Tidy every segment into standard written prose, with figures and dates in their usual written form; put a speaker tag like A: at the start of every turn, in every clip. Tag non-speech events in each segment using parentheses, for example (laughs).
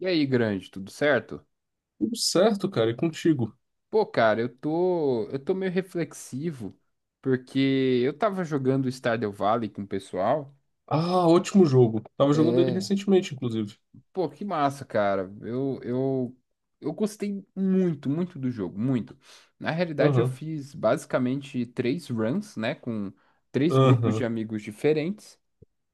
A: E aí, grande, tudo certo?
B: Tudo certo, cara, e contigo?
A: Pô, cara, eu tô meio reflexivo porque eu tava jogando Stardew Valley com o pessoal.
B: Ah, ótimo jogo. Tava jogando ele
A: É.
B: recentemente, inclusive.
A: Pô, que massa, cara. Eu gostei muito, muito do jogo, muito. Na realidade, eu
B: Aham,
A: fiz basicamente três runs, né, com três grupos de
B: aham,
A: amigos diferentes.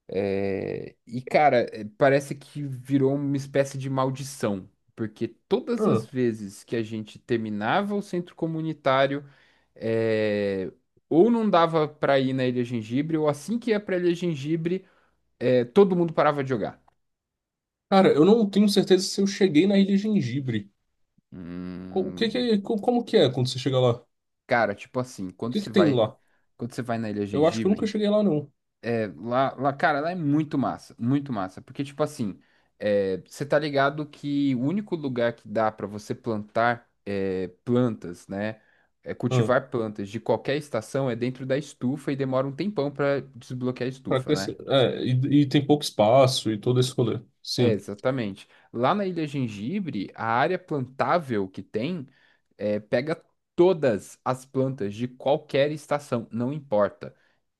A: Cara, parece que virou uma espécie de maldição, porque todas as
B: aham.
A: vezes que a gente terminava o centro comunitário, é, ou não dava pra ir na Ilha Gengibre, ou assim que ia pra Ilha Gengibre, todo mundo parava de jogar.
B: Cara, eu não tenho certeza se eu cheguei na Ilha Gengibre. O que que
A: Hum,
B: é, como que é quando você chega lá?
A: cara, tipo assim,
B: O que que tem lá?
A: quando você vai na Ilha
B: Eu acho que eu nunca
A: Gengibre.
B: cheguei lá, não.
A: É, lá, cara, lá é muito massa, porque, tipo assim, você tá ligado que o único lugar que dá pra você plantar plantas, né,
B: Ah,
A: cultivar plantas de qualquer estação é dentro da estufa e demora um tempão pra desbloquear a
B: pra
A: estufa, né?
B: crescer. É, e tem pouco espaço e todo esse rolê.
A: É,
B: Sim.
A: exatamente. Lá na Ilha Gengibre, a área plantável que tem pega todas as plantas de qualquer estação, não importa.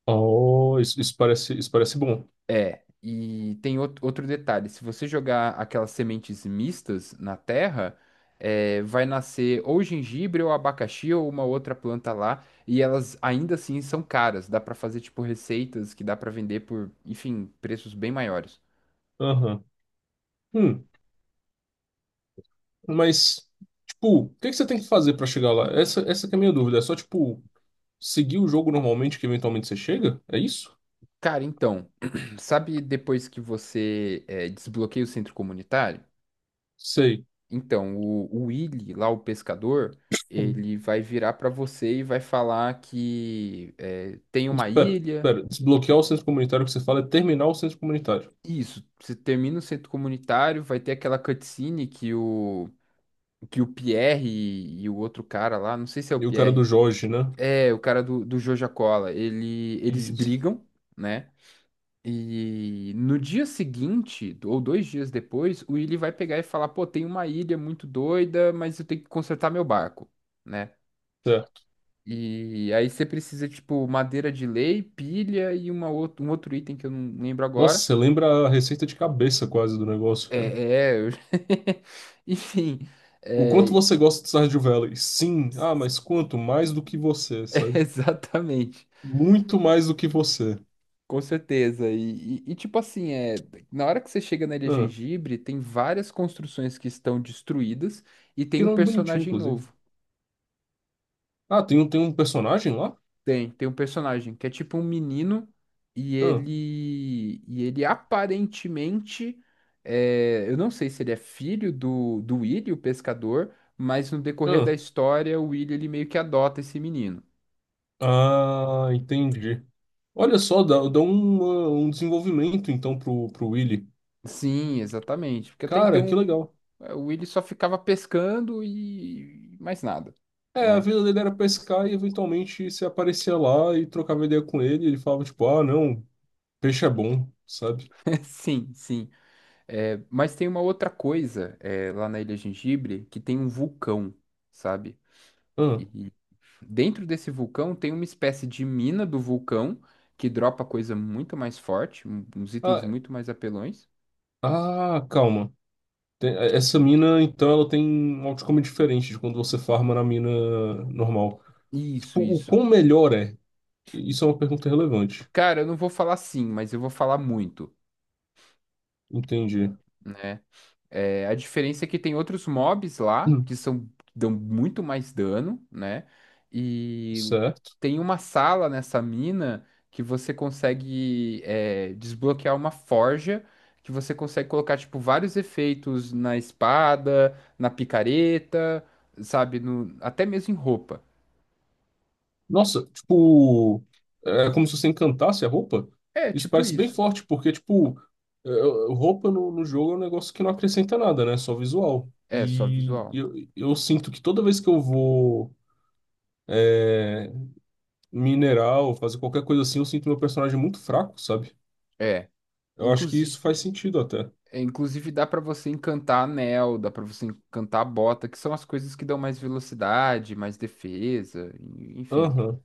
B: Oh, isso parece bom.
A: É, e tem outro detalhe: se você jogar aquelas sementes mistas na terra, vai nascer ou gengibre ou abacaxi ou uma outra planta lá, e elas ainda assim são caras. Dá pra fazer tipo receitas que dá pra vender por, enfim, preços bem maiores.
B: Aham. Hum, mas, tipo, o que que você tem que fazer pra chegar lá? Essa que é a minha dúvida. É só, tipo, seguir o jogo normalmente que eventualmente você chega? É isso?
A: Cara, então, (clears throat) sabe depois que você desbloqueia o centro comunitário?
B: Sei.
A: Então, o Willy, lá o pescador, ele vai virar pra você e vai falar que tem uma ilha.
B: Espera. Desbloquear o centro comunitário que você fala é terminar o centro comunitário.
A: Isso, você termina o centro comunitário, vai ter aquela cutscene que o Pierre e o outro cara lá, não sei se é o
B: E o cara do
A: Pierre,
B: Jorge, né?
A: é o cara do Joja Cola, ele, eles
B: Isso.
A: brigam, né? E no dia seguinte, ou dois dias depois, o Willy vai pegar e falar: pô, tem uma ilha muito doida, mas eu tenho que consertar meu barco, né?
B: Certo.
A: E aí você precisa, tipo, madeira de lei, pilha e uma out um outro item que eu não lembro
B: Nossa,
A: agora.
B: você lembra a receita de cabeça quase do negócio,
A: É,
B: cara.
A: é, eu- (laughs) enfim,
B: O quanto
A: é,
B: você gosta de Stardew Valley? Sim. Ah, mas quanto? Mais do que você,
A: (laughs)
B: sabe?
A: exatamente,
B: Muito mais do que você.
A: com certeza. E tipo assim, na hora que você chega na Ilha
B: Ah,
A: Gengibre, tem várias construções que estão destruídas e
B: que
A: tem um
B: nome bonitinho,
A: personagem
B: inclusive.
A: novo.
B: Ah, tem um personagem lá?
A: Tem um personagem que é tipo um menino e
B: Ah,
A: ele, e ele aparentemente, eu não sei se ele é filho do Willy, o pescador, mas no decorrer da
B: ah.
A: história, o Willy ele meio que adota esse menino.
B: Ah, entendi. Olha só, dá um desenvolvimento então pro Willy.
A: Sim, exatamente. Porque até
B: Cara, que
A: então
B: legal.
A: o Willy só ficava pescando e mais nada,
B: É, a
A: né?
B: vida dele era pescar e eventualmente você aparecia lá e trocava ideia com ele. Ele falava tipo, ah, não, peixe é bom, sabe?
A: (laughs) Sim, sim. É, mas tem uma outra coisa lá na Ilha Gengibre que tem um vulcão, sabe?
B: Ah,
A: E dentro desse vulcão tem uma espécie de mina do vulcão que dropa coisa muito mais forte, uns itens
B: ah,
A: muito mais apelões.
B: ah, calma. É, essa mina, então, ela tem um outcome diferente de quando você farma na mina normal.
A: Isso,
B: Tipo, o
A: isso.
B: quão melhor é? Isso é uma pergunta relevante.
A: Cara, eu não vou falar sim, mas eu vou falar muito,
B: Entendi.
A: né? É, a diferença é que tem outros mobs lá
B: Hum,
A: que são que dão muito mais dano, né? E
B: Certo.
A: tem uma sala nessa mina que você consegue desbloquear uma forja que você consegue colocar tipo vários efeitos na espada, na picareta, sabe, no, até mesmo em roupa.
B: Nossa, tipo, é como se você encantasse a roupa.
A: É
B: Isso
A: tipo
B: parece bem
A: isso.
B: forte, porque, tipo, é, é, roupa no jogo é um negócio que não acrescenta nada, né? É só visual.
A: É só
B: E
A: visual.
B: eu sinto que toda vez que eu vou é, minerar ou fazer qualquer coisa assim, eu sinto meu personagem muito fraco, sabe?
A: É,
B: Eu acho que
A: inclusive.
B: isso faz sentido até.
A: É, inclusive dá para você encantar anel, dá para você encantar bota, que são as coisas que dão mais velocidade, mais defesa, enfim,
B: Aham,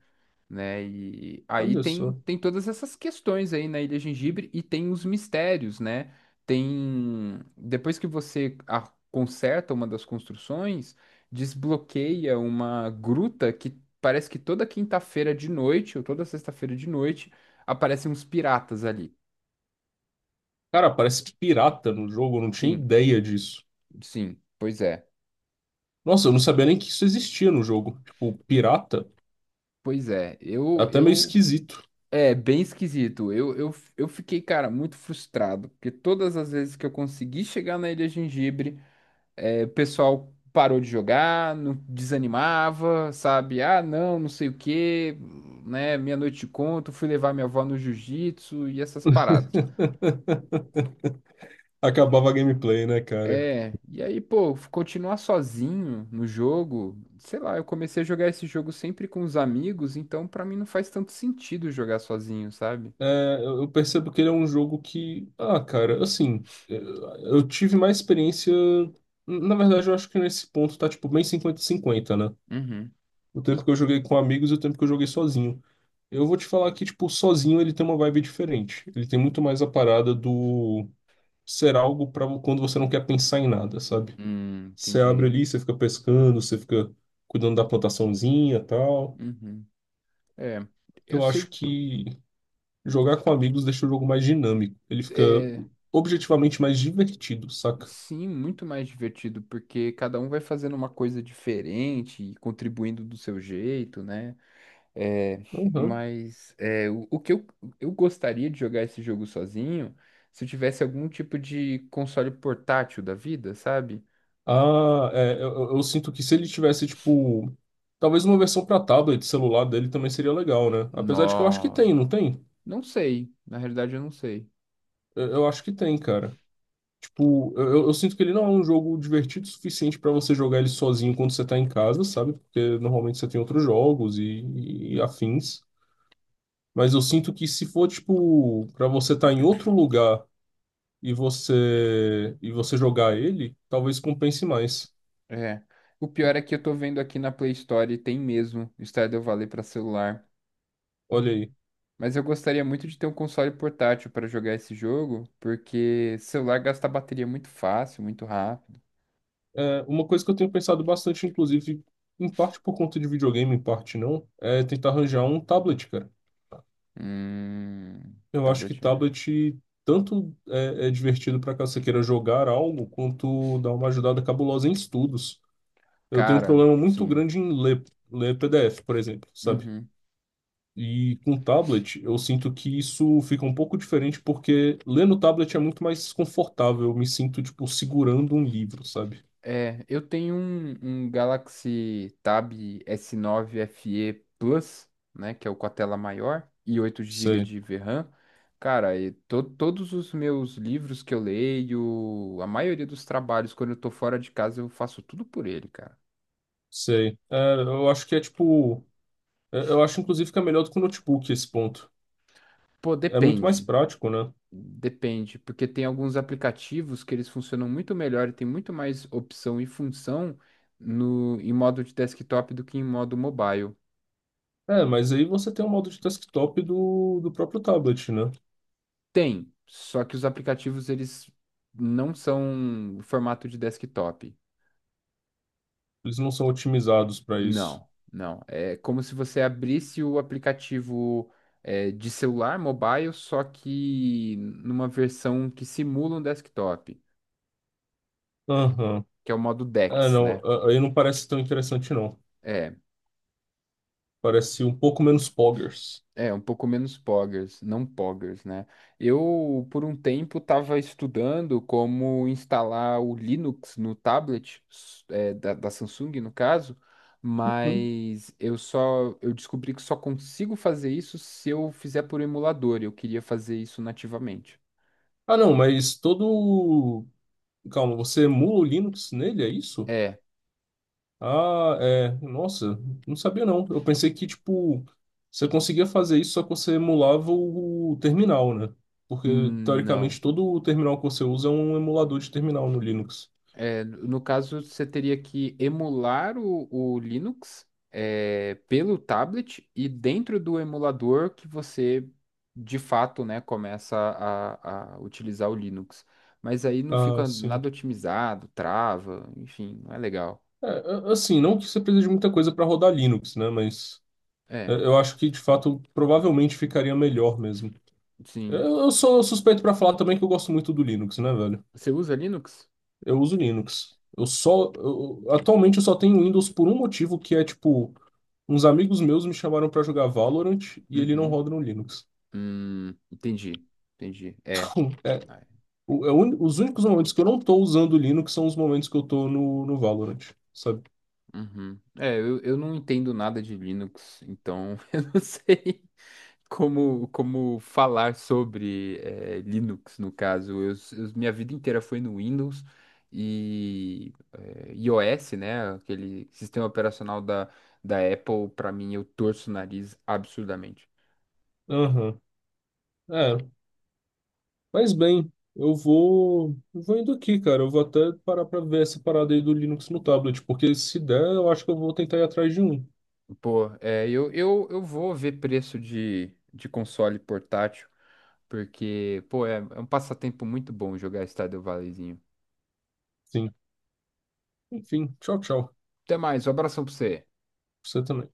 A: né? E aí
B: olha
A: tem,
B: só.
A: tem todas essas questões aí na Ilha Gengibre e tem os mistérios, né? Tem depois que você conserta uma das construções, desbloqueia uma gruta que parece que toda quinta-feira de noite ou toda sexta-feira de noite aparecem uns piratas ali.
B: Cara, parece pirata no jogo, eu não tinha
A: Sim,
B: ideia disso.
A: sim, pois é.
B: Nossa, eu não sabia nem que isso existia no jogo. Tipo, pirata,
A: Pois é,
B: é
A: eu,
B: até meio
A: eu,
B: esquisito.
A: é bem esquisito. Eu fiquei, cara, muito frustrado, porque todas as vezes que eu consegui chegar na Ilha Gengibre, o pessoal parou de jogar, não desanimava, sabe? Ah, não, não sei o quê, né? Meia noite te conto, fui levar minha avó no jiu-jitsu e essas paradas.
B: (laughs) Acabava a gameplay, né, cara?
A: É, e aí, pô, continuar sozinho no jogo, sei lá, eu comecei a jogar esse jogo sempre com os amigos, então pra mim não faz tanto sentido jogar sozinho, sabe?
B: É, eu percebo que ele é um jogo que, ah, cara, assim, eu tive mais experiência. Na verdade, eu acho que nesse ponto tá, tipo, bem 50 cinquenta, né?
A: Uhum.
B: O tempo que eu joguei com amigos e o tempo que eu joguei sozinho. Eu vou te falar que, tipo, sozinho ele tem uma vibe diferente. Ele tem muito mais a parada do ser algo pra quando você não quer pensar em nada, sabe? Você abre
A: Entendi.
B: ali, você fica pescando, você fica cuidando da plantaçãozinha e tal.
A: Uhum. É, eu
B: Eu acho
A: sei,
B: que. Jogar com amigos deixa o jogo mais dinâmico. Ele fica
A: é,
B: objetivamente mais divertido, saca?
A: sim, muito mais divertido, porque cada um vai fazendo uma coisa diferente e contribuindo do seu jeito, né? É, (laughs)
B: Uhum.
A: mas é, eu gostaria de jogar esse jogo sozinho, se eu tivesse algum tipo de console portátil da vida, sabe?
B: Ah, é, eu sinto que se ele tivesse, tipo, talvez uma versão pra tablet, celular dele também seria legal, né? Apesar de que eu acho que
A: Nó,
B: tem, não tem?
A: não sei, na realidade eu não sei.
B: Eu acho que tem, cara. Tipo, eu sinto que ele não é um jogo divertido o suficiente pra você jogar ele sozinho quando você tá em casa, sabe? Porque normalmente você tem outros jogos e afins. Mas eu sinto que se for, tipo, pra você estar tá em outro lugar. E você jogar ele, talvez compense mais.
A: É, o pior é que eu tô vendo aqui na Play Store e tem mesmo Stardew Valley para celular.
B: Olha aí.
A: Mas eu gostaria muito de ter um console portátil para jogar esse jogo, porque celular gasta bateria muito fácil, muito rápido.
B: É, uma coisa que eu tenho pensado bastante, inclusive, em parte por conta de videogame, em parte não, é tentar arranjar um tablet, cara.
A: Hum,
B: Eu acho que
A: tablet é.
B: tablet tanto é divertido para caso você queira jogar algo, quanto dá uma ajudada cabulosa em estudos. Eu tenho um
A: Cara,
B: problema muito
A: sim.
B: grande em ler, ler PDF, por exemplo, sabe?
A: Uhum.
B: E com tablet, eu sinto que isso fica um pouco diferente porque ler no tablet é muito mais confortável. Eu me sinto, tipo, segurando um livro, sabe?
A: É, um Galaxy Tab S9 FE Plus, né, que é o com a tela maior e 8 GB
B: Sei,
A: de VRAM. Cara, e todos os meus livros que eu leio, a maioria dos trabalhos, quando eu tô fora de casa, eu faço tudo por ele, cara.
B: sei. É, eu acho que é tipo. É, eu acho, inclusive, que é melhor do que o notebook esse ponto.
A: Pô,
B: É muito mais
A: depende.
B: prático, né?
A: Depende, porque tem alguns aplicativos que eles funcionam muito melhor e tem muito mais opção e função no, em modo de desktop do que em modo mobile.
B: É, mas aí você tem o modo de desktop do próprio tablet, né?
A: Tem, só que os aplicativos eles não são o formato de desktop.
B: Eles não são otimizados para isso.
A: Não, não. É como se você abrisse o aplicativo de celular mobile, só que numa versão que simula um desktop,
B: Aham.
A: que é o modo
B: É,
A: DeX,
B: não.
A: né?
B: Aí não parece tão interessante, não.
A: É,
B: Parece um pouco menos poggers.
A: é, um pouco menos poggers, não poggers, né? Eu, por um tempo, estava estudando como instalar o Linux no tablet, da Samsung, no caso,
B: Hum?
A: mas eu descobri que só consigo fazer isso se eu fizer por emulador, e eu queria fazer isso nativamente.
B: Ah, não, mas todo Calma, você emula o Linux nele, é isso?
A: É,
B: Ah, é. Nossa, não sabia não. Eu pensei que, tipo, você conseguia fazer isso, só que você emulava o terminal, né? Porque, teoricamente,
A: não.
B: todo o terminal que você usa é um emulador de terminal no Linux.
A: É, no caso, você teria que emular o Linux, pelo tablet e dentro do emulador que você, de fato, né, começa a utilizar o Linux. Mas aí não
B: Ah,
A: fica
B: sim.
A: nada otimizado, trava, enfim, não é legal.
B: É, assim, não que você precise de muita coisa para rodar Linux, né? Mas é,
A: É,
B: eu acho que, de fato, provavelmente ficaria melhor mesmo.
A: sim.
B: Eu sou suspeito para falar também que eu gosto muito do Linux, né, velho?
A: Você usa Linux?
B: Eu uso Linux. Atualmente eu só tenho Windows por um motivo, que é tipo. Uns amigos meus me chamaram pra jogar Valorant e ele não
A: Uhum.
B: roda no Linux.
A: Entendi, entendi. É.
B: (laughs) É,
A: Ai,
B: é os únicos momentos que eu não tô usando Linux são os momentos que eu tô no Valorant, sabe?
A: uhum. É, eu não entendo nada de Linux, então (laughs) eu não sei como, como falar sobre Linux, no caso. Minha vida inteira foi no Windows e iOS, né? Aquele sistema operacional da Apple, para mim, eu torço o nariz absurdamente.
B: Aham. É. Mas bem, eu vou. Eu Vou indo aqui, cara. Eu vou até parar pra ver essa parada aí do Linux no tablet, porque se der, eu acho que eu vou tentar ir atrás de um.
A: Pô, é, eu vou ver preço de console portátil, porque, pô, é, é um passatempo muito bom jogar Stardew Valleyzinho.
B: Sim. Enfim, tchau, tchau.
A: Até mais, um abração pra você.
B: Você também.